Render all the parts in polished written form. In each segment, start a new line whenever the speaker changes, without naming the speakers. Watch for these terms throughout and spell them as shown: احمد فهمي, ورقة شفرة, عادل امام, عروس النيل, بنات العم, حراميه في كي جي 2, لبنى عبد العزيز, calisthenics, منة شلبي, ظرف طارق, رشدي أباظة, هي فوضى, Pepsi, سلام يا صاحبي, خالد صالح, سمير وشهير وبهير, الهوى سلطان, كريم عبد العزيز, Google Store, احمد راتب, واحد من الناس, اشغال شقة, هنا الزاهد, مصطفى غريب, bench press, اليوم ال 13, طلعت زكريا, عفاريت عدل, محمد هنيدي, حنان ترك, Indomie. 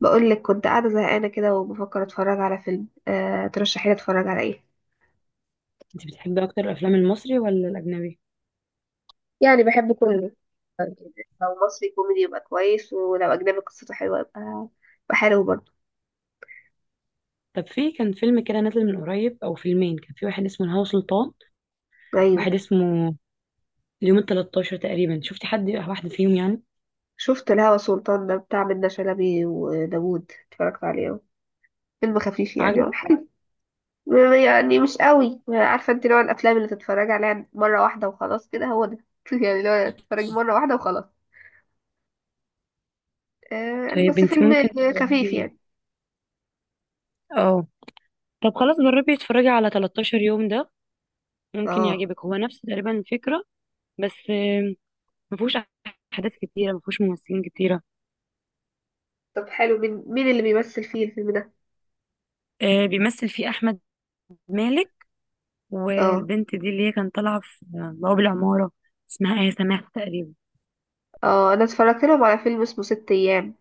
بقول لك كنت قاعدة زهقانة كده وبفكر اتفرج على فيلم، ترشحي لي اتفرج على ايه؟
انت بتحبي اكتر الافلام المصري ولا الاجنبي؟
يعني بحب كله. لو مصري كوميدي يبقى كويس، ولو اجنبي قصته حلوة يبقى حلو برضه.
طب في كان فيلم كده نازل من قريب او فيلمين، كان في واحد اسمه الهوى سلطان،
ايوه،
واحد اسمه اليوم ال 13 تقريبا. شفتي حد واحد فيهم يعني؟
شفت الهوى سلطان ده بتاع منة شلبي وداوود، اتفرجت عليه اهو. فيلم خفيف يعني، هو
عجبك؟
حلو. يعني مش قوي، عارفة انت نوع الافلام اللي تتفرج عليها مرة واحدة وخلاص، كده هو ده. يعني لو تتفرج مرة واحدة وخلاص. يعني
طيب
بس
انت ممكن
فيلم خفيف
تجربي.
يعني
اه. طب خلاص جربي اتفرجي على 13 يوم ده، ممكن
اه
يعجبك. هو نفس تقريبا الفكرة، بس مفهوش احداث كتيرة، مفهوش ممثلين كتيرة.
طب حلو، مين اللي بيمثل فيه الفيلم ده؟
بيمثل فيه احمد مالك،
اه،
والبنت دي اللي هي كانت طالعة في بواب العمارة، اسمها ايه؟ سماح تقريبا.
اه، انا اتفرجت لهم على فيلم اسمه ست ايام.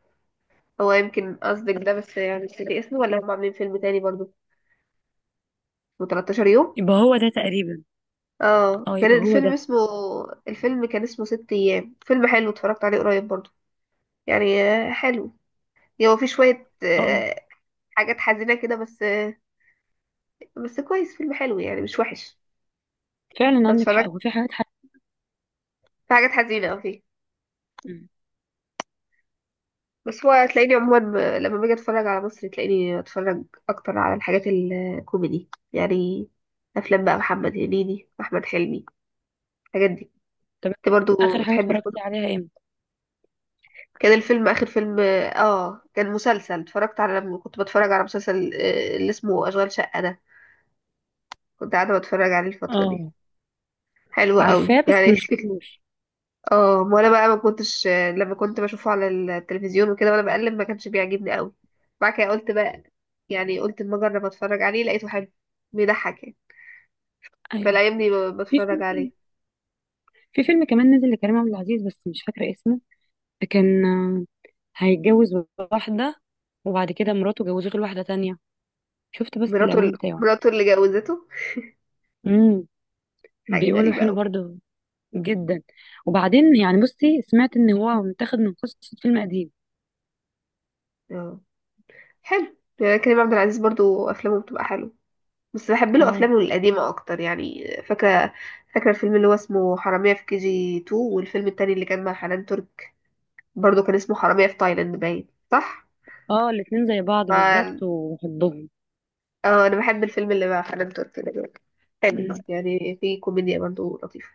هو يمكن قصدك ده، بس يعني مش فاكر اسمه، ولا هم عاملين فيلم تاني برضو اسمه 13 يوم.
يبقى هو ده تقريبا.
اه،
اه
كان
يبقى هو
الفيلم
ده.
اسمه الفيلم كان اسمه ست ايام. فيلم حلو اتفرجت عليه قريب برضو، يعني حلو. يعني هو في شوية
اه
حاجات حزينة كده، بس كويس، فيلم حلو يعني مش وحش.
فعلا
أنا
عندك حق،
اتفرجت.
هو في حاجات حق.
في حاجات حزينة، اه، فيه.
مم.
بس هو هتلاقيني عموما، لما باجي اتفرج على مصر، تلاقيني اتفرج اكتر على الحاجات الكوميدي يعني. افلام بقى محمد هنيدي، احمد حلمي، الحاجات دي.
طب
انت برضو
اخر حاجه
بتحب
اتفرجتي
الكوميدي؟
عليها امتى؟
كان الفيلم اخر فيلم. اه، كان مسلسل اتفرجت على، لما كنت بتفرج على مسلسل اللي اسمه اشغال شقة ده. كنت قاعدة بتفرج عليه الفترة دي،
اه
حلو قوي
عارفاه بس
يعني.
ما شفتوش.
اه، ما انا بقى ما كنتش، لما كنت بشوفه على التلفزيون وكده وانا بقلب ما كانش بيعجبني قوي. بعد كده قلت بقى، يعني قلت اما اجرب اتفرج عليه، لقيته حلو، بيضحك يعني.
ايوه.
فالايام دي
في
بتفرج
فيلم
عليه.
في فيلم كمان نزل لكريم عبد العزيز، بس مش فاكره اسمه. كان هيتجوز واحده، وبعد كده مراته جوزته لواحده تانية. شفت بس
مراته ال-
الاعلان بتاعه.
مراته اللي جوزته.
امم.
حاجه
بيقولوا
غريبه
حلو
قوي.
برضه جدا. وبعدين يعني بصي، سمعت ان هو متاخد من قصه فيلم قديم.
اه، حلو يعني. كريم عبد العزيز برضو افلامه بتبقى حلوه. بس بحب له
اه.
افلامه القديمه اكتر يعني. فاكره الفيلم اللي هو اسمه حراميه في كي جي 2، والفيلم التاني اللي كان مع حنان ترك برضو كان اسمه حراميه في تايلاند باين، صح.
اه الاتنين زي بعض بالظبط وحبهم.
اه، انا بحب الفيلم اللي مع حنان ترك ده جدا. حلو يعني، في كوميديا برضه لطيفة.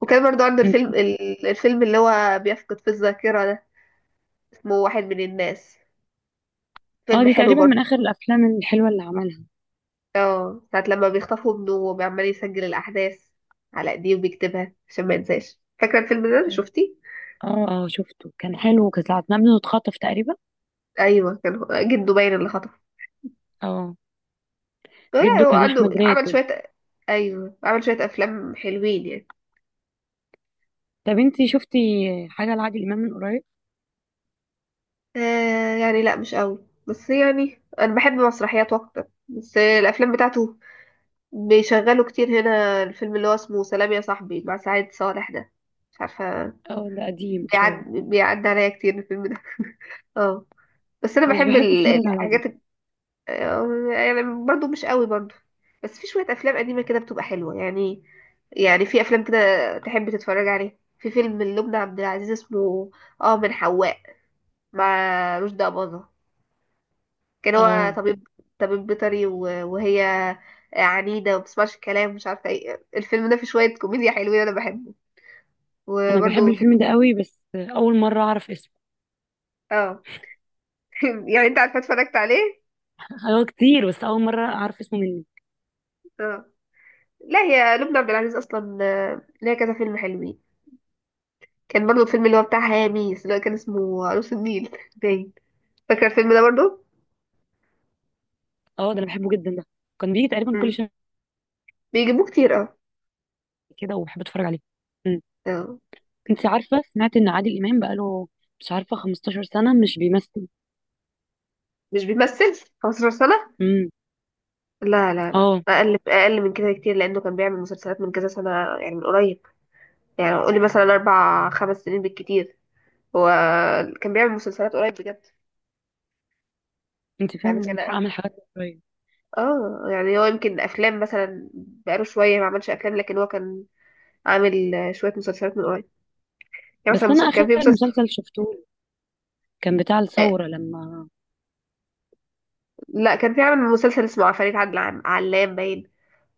وكان برضه عنده
مم.
الفيلم الفيلم اللي هو بيفقد في الذاكرة ده، اسمه واحد من الناس،
اه
فيلم
دي
حلو
تقريبا
برضه.
من اخر الافلام الحلوه اللي عملها.
اه، ساعة لما بيخطفوا ابنه وبيعمل يسجل الأحداث على ايديه وبيكتبها عشان ما ينساش. فاكرة الفيلم ده، شفتيه؟
اه اه سبته، كان حلو، كانت ساعة ما ابنه اتخطف تقريبا.
أيوه، كان جده باين اللي خطفه.
اه
لا،
جده
هو
كان
عنده
احمد
عمل
راتب.
شوية. أيوه، عمل شوية أفلام حلوين يعني.
طب انتي شفتي حاجه لعادل امام من قريب؟
يعني لا مش قوي، بس يعني انا بحب مسرحيات اكتر، بس الافلام بتاعته بيشغلوا كتير هنا. الفيلم اللي هو اسمه سلام يا صاحبي مع سعيد صالح ده، مش عارفه.
اه ده قديم شويه.
بيعدي عليا كتير الفيلم ده. اه، بس انا
مش
بحب
بحب اتفرج على قديم.
الحاجات يعني برضو مش قوي برضو. بس في شويه افلام قديمه كده بتبقى حلوه يعني في افلام كده تحب تتفرج عليها. في فيلم لبنى عبد العزيز اسمه، اه، من حواء، مع رشدي أباظة. كان هو
اه
طبيب بيطري، وهي عنيدة ومبتسمعش الكلام، مش عارفة ايه. الفيلم ده فيه شوية كوميديا حلوين، أنا بحبه.
انا بحب
وبرضه في،
الفيلم ده قوي، بس اول مره اعرف اسمه.
اه، يعني انت عارفة اتفرجت عليه.
هو كتير بس اول مره اعرف اسمه مني.
اه، لا هي لبنى عبد العزيز أصلا ليها كذا فيلم حلوين. كان برضه الفيلم اللي هو بتاع هاميس، اللي هو كان اسمه عروس النيل باين. فاكرة الفيلم ده برضه؟
اه ده انا بحبه جدا ده، كان بيجي تقريبا كل
مم.
شهر
بيجيبوه كتير، اه.
كده وبحب اتفرج عليه. مم.
اه،
انتي عارفه، سمعت ان عادل امام بقاله مش عارفه 15 سنه مش بيمثل.
مش بيمثل 15 سنة؟
امم.
لا، لا، لا،
اه
أقل من كده بكتير، لأنه كان بيعمل مسلسلات من كذا سنة. يعني من قريب، يعني قولي مثلا أربع خمس سنين بالكتير. هو كان بيعمل مسلسلات قريب بجد.
انت
يعني
فعلا عندك
كان،
حق، اعمل حاجات شويه.
اه، يعني هو يمكن أفلام مثلا بقاله شوية ما عملش أفلام، لكن هو كان عامل شوية مسلسلات من قريب. يعني مثلا،
بس انا
كان في
اخر
مسلسل
مسلسل شفته كان بتاع
آه،
الثوره لما.
لا، كان في عامل مسلسل اسمه عفاريت عدل علام باين،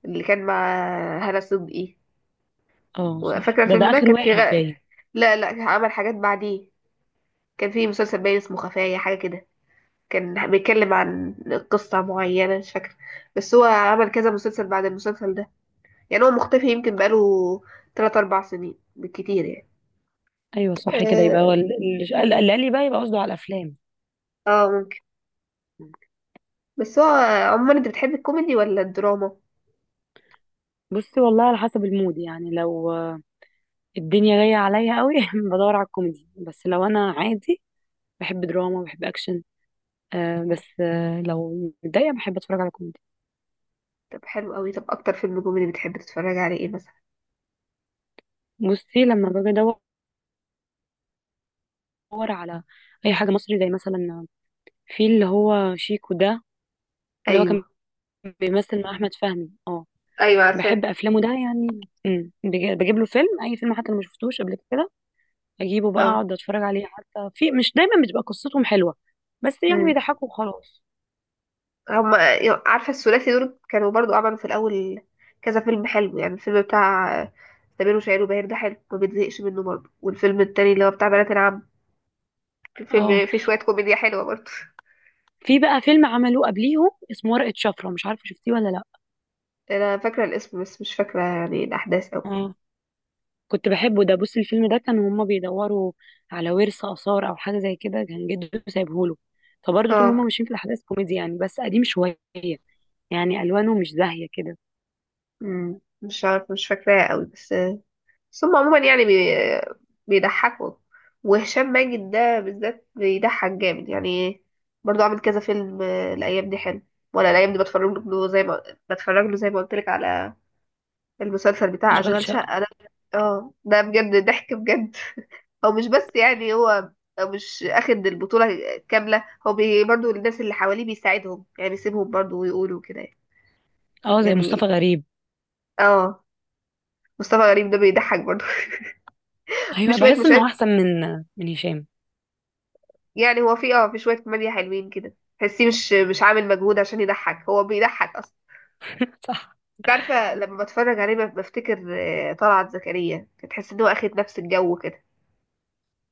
اللي كان مع هالة صدقي.
اه صح،
وفاكرة
ده
الفيلم
ده
ده
اخر
كان في
واحد باين.
لا، لا، عمل حاجات بعديه. كان في مسلسل باين اسمه خفايا، حاجة كده، كان بيتكلم عن قصة معينة مش فاكرة. بس هو عمل كذا مسلسل بعد المسلسل ده. يعني هو مختفي يمكن بقاله تلات أربع سنين بالكتير يعني.
ايوه صح كده، يبقى هو
اه،
اللي قال لي بقى، يبقى قصده على الافلام.
ممكن. بس هو عموما، انت بتحب الكوميدي ولا الدراما؟
بصي والله على حسب المود، يعني لو الدنيا جايه عليا قوي بدور على الكوميدي، بس لو انا عادي بحب دراما، بحب اكشن. بس لو متضايقه بحب اتفرج على كوميدي.
طب حلو قوي. طب اكتر فيلم كوميدي بتحب تتفرج عليه ايه مثلا؟
بصي لما باجي ادور على اي حاجه مصري، زي مثلا في اللي هو شيكو ده، اللي هو كان
ايوه،
بيمثل مع احمد فهمي. اه.
ايوه،
بحب
عارفاه.
افلامه ده يعني. بجيب له فيلم، اي فيلم، حتى لو ما شفتوش قبل كده اجيبه بقى،
اه،
اقعد اتفرج عليه. حتى في مش دايما بتبقى قصتهم حلوه، بس يعني
امم
بيضحكوا وخلاص.
هما، عارفة الثلاثي دول كانوا برضو عملوا في الأول كذا فيلم حلو يعني. الفيلم بتاع سمير وشهير وبهير ده حلو، ما بتزهقش منه برضو. والفيلم التاني اللي هو بتاع بنات العم،
اه
في شوية كوميديا حلوة برضه.
في بقى فيلم عملوه قبليهم اسمه ورقة شفرة، مش عارفه شفتيه ولا لا.
انا فاكرة الاسم بس مش فاكرة يعني الاحداث اوي.
اه كنت بحبه ده. بص، الفيلم ده كانوا هما بيدوروا على ورث آثار او حاجه زي كده، كان جده سايبهوله. فبرضه طول ما
اه،
هما ماشيين في الاحداث كوميدي يعني، بس قديم شويه، يعني الوانه مش زاهيه كده.
مش عارفة، مش فاكراه اوي بس. بس هم عموما يعني بيضحكوا. وهشام ماجد ده بالذات بيضحك جامد يعني، برضه عامل كذا فيلم الايام دي حلو. وانا الايام دي بتفرج له زي ما قلت لك على المسلسل بتاع
اشغال
اشغال
شقه.
شقة ده. اه، ده بجد ضحك بجد. هو مش بس يعني، هو مش اخد البطولة كاملة. هو برضو الناس اللي حواليه بيساعدهم، يعني بيسيبهم برضو ويقولوا كده.
اه زي مصطفى
يعني،
غريب.
اه، مصطفى غريب ده بيضحك برضو. في
ايوه
شوية
بحس
مشاهد.
انه احسن من هشام.
يعني هو في شوية كوميديا حلوين كده، تحسيه مش عامل مجهود عشان يضحك، هو بيضحك اصلا.
صح.
انت عارفة لما بتفرج عليه بفتكر طلعت زكريا، تحس ان هو اخد نفس الجو كده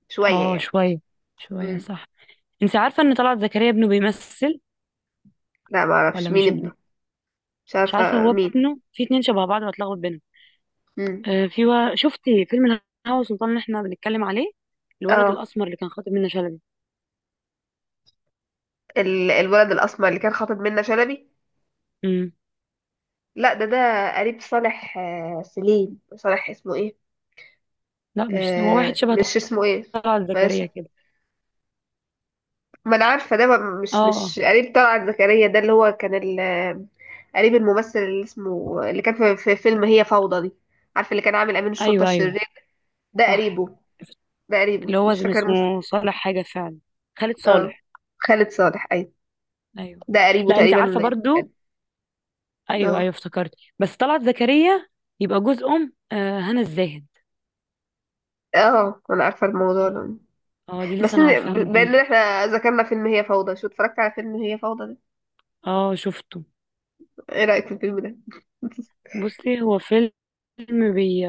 شوية
اه
يعني.
شويه شويه
مم.
صح. انت عارفه ان طلعت زكريا ابنه بيمثل؟
لا، ما اعرفش
ولا
مين
مش ابنه.
ابنه. مش
مش عارفه،
عارفة
هو
مين.
ابنه في اتنين شبه بعض وهتلخبط بينهم.
مم.
شفتي فيلم الهوى سلطان اللي احنا بنتكلم عليه؟ الولد
اه،
الاسمر اللي كان خاطب منة شلبي.
الولد الاسمر اللي كان خاطب منة شلبي.
امم.
لا، ده قريب صالح، سليم صالح اسمه ايه.
لا مش هو، واحد شبه
مش اسمه ايه.
طلعت
ماشي.
زكريا كده.
ما انا عارفه ده،
اه
مش
اه
مش قريب طلعت زكريا ده، اللي هو كان قريب الممثل اللي كان في فيلم هي فوضى دي. عارفه اللي كان عامل امين الشرطه
ايوه ايوه
الشرير. ده
صح،
قريبه ده قريبه
اللي هو
مش فاكره الممثل.
اسمه صالح حاجه فعلا، خالد
اه،
صالح
خالد صالح، ايوه.
ايوه.
ده قريبه
لا انت
تقريبا.
عارفه برضو. ايوه
اه،
ايوه افتكرت، بس طلعت زكريا يبقى جوز ام هنا الزاهد.
اه، انا عارفه الموضوع ده.
اه دي
بس
لسه انا عارفاها من
بما
كام يوم.
ان احنا ذكرنا فيلم هي فوضى، شو اتفرجت على فيلم هي فوضى ده؟
اه شفته.
ايه رأيك في الفيلم ده؟
بصي هو فيلم بي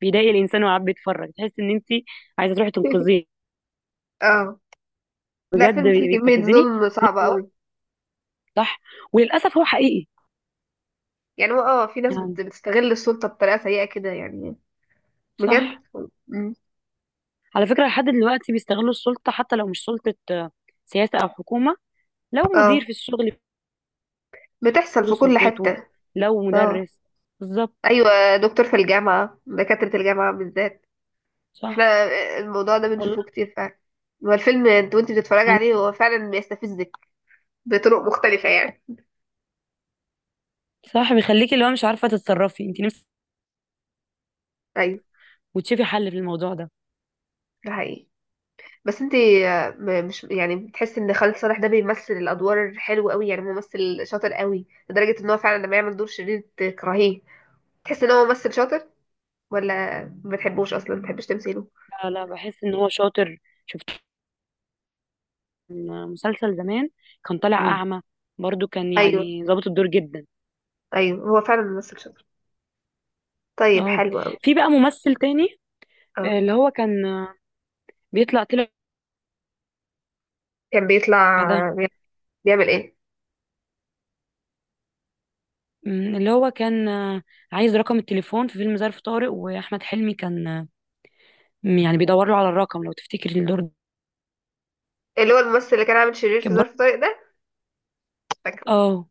بيضايق الانسان، وقاعد بيتفرج تحس ان انت عايزه تروحي تنقذيه.
اه، لا،
بجد
فيلم فيه كمية
بيستفزني.
ظلم
وفي نفس
صعبة
الوقت.
قوي.
صح. وللاسف هو حقيقي.
يعني هو، اه، في ناس
يعني.
بتستغل السلطة بطريقة سيئة كده يعني.
صح.
بجد. مم.
على فكره لحد دلوقتي بيستغلوا السلطه، حتى لو مش سلطه سياسه او حكومه. لو مدير
اه،
في الشغل،
بتحصل
برضه
في كل
سلطته.
حتة.
لو
اه،
مدرس. بالظبط.
ايوه، دكتور في الجامعة، دكاترة الجامعة بالذات. احنا
صح.
الموضوع ده
والله.
بنشوفه كتير فعلا. هو الفيلم انت وانت بتتفرج عليه هو فعلا بيستفزك بطرق مختلفة يعني.
صح بيخليكي اللي هو مش عارفة تتصرفي انت نفسك
ايوه،
وتشوفي حل في الموضوع ده.
ده حقيقي. بس انت مش يعني بتحس ان خالد صالح ده بيمثل الادوار حلو قوي، يعني ممثل شاطر قوي لدرجه ان هو فعلا لما يعمل دور شرير تكرهيه، تحس ان هو ممثل شاطر، ولا ما بتحبوش اصلا، ما بتحبش تمثيله؟
لا لا بحس ان هو شاطر. شفت كان مسلسل زمان كان طالع
مم.
أعمى، برضو كان
ايوه،
يعني ظابط الدور جدا.
ايوه، هو فعلا ممثل شاطر. طيب
اه
حلو قوي.
في بقى ممثل تاني
اه،
اللي هو كان آه، بيطلع طلع
كان بيطلع.
ده.
بيعمل ايه؟
اللي هو كان عايز رقم التليفون في فيلم ظرف طارق واحمد حلمي، كان يعني بيدور له على الرقم، لو تفتكري الدور ده.
اللي هو الممثل اللي كان عامل شرير في
كان برضو.
ظرف طارق ده، فاكره.
اه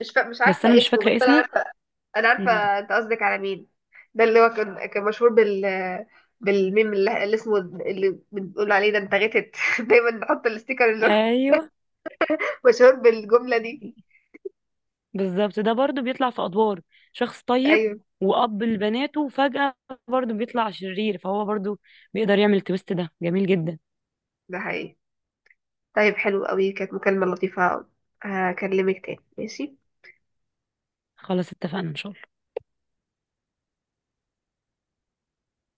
مش
بس انا
عارفه
مش
اسمه بس
فاكرة
انا
اسمه.
عارفه. انا عارفه
مم.
انت قصدك على مين. ده اللي هو كان مشهور بالميم اللي اسمه، اللي بنقول عليه ده، انت غتت. دايما نحط الاستيكر اللي هو
ايوه
مشهور بالجمله دي.
بالظبط، ده برضو بيطلع في ادوار شخص طيب
ايوه،
واب لبناته، وفجأة برضو بيطلع شرير، فهو برضو بيقدر يعمل التويست ده، جميل جدا.
ده حقيقي. طيب حلو قوي، كانت مكالمه لطيفه. هكلمك تاني، ماشي؟
خلاص اتفقنا ان شاء الله.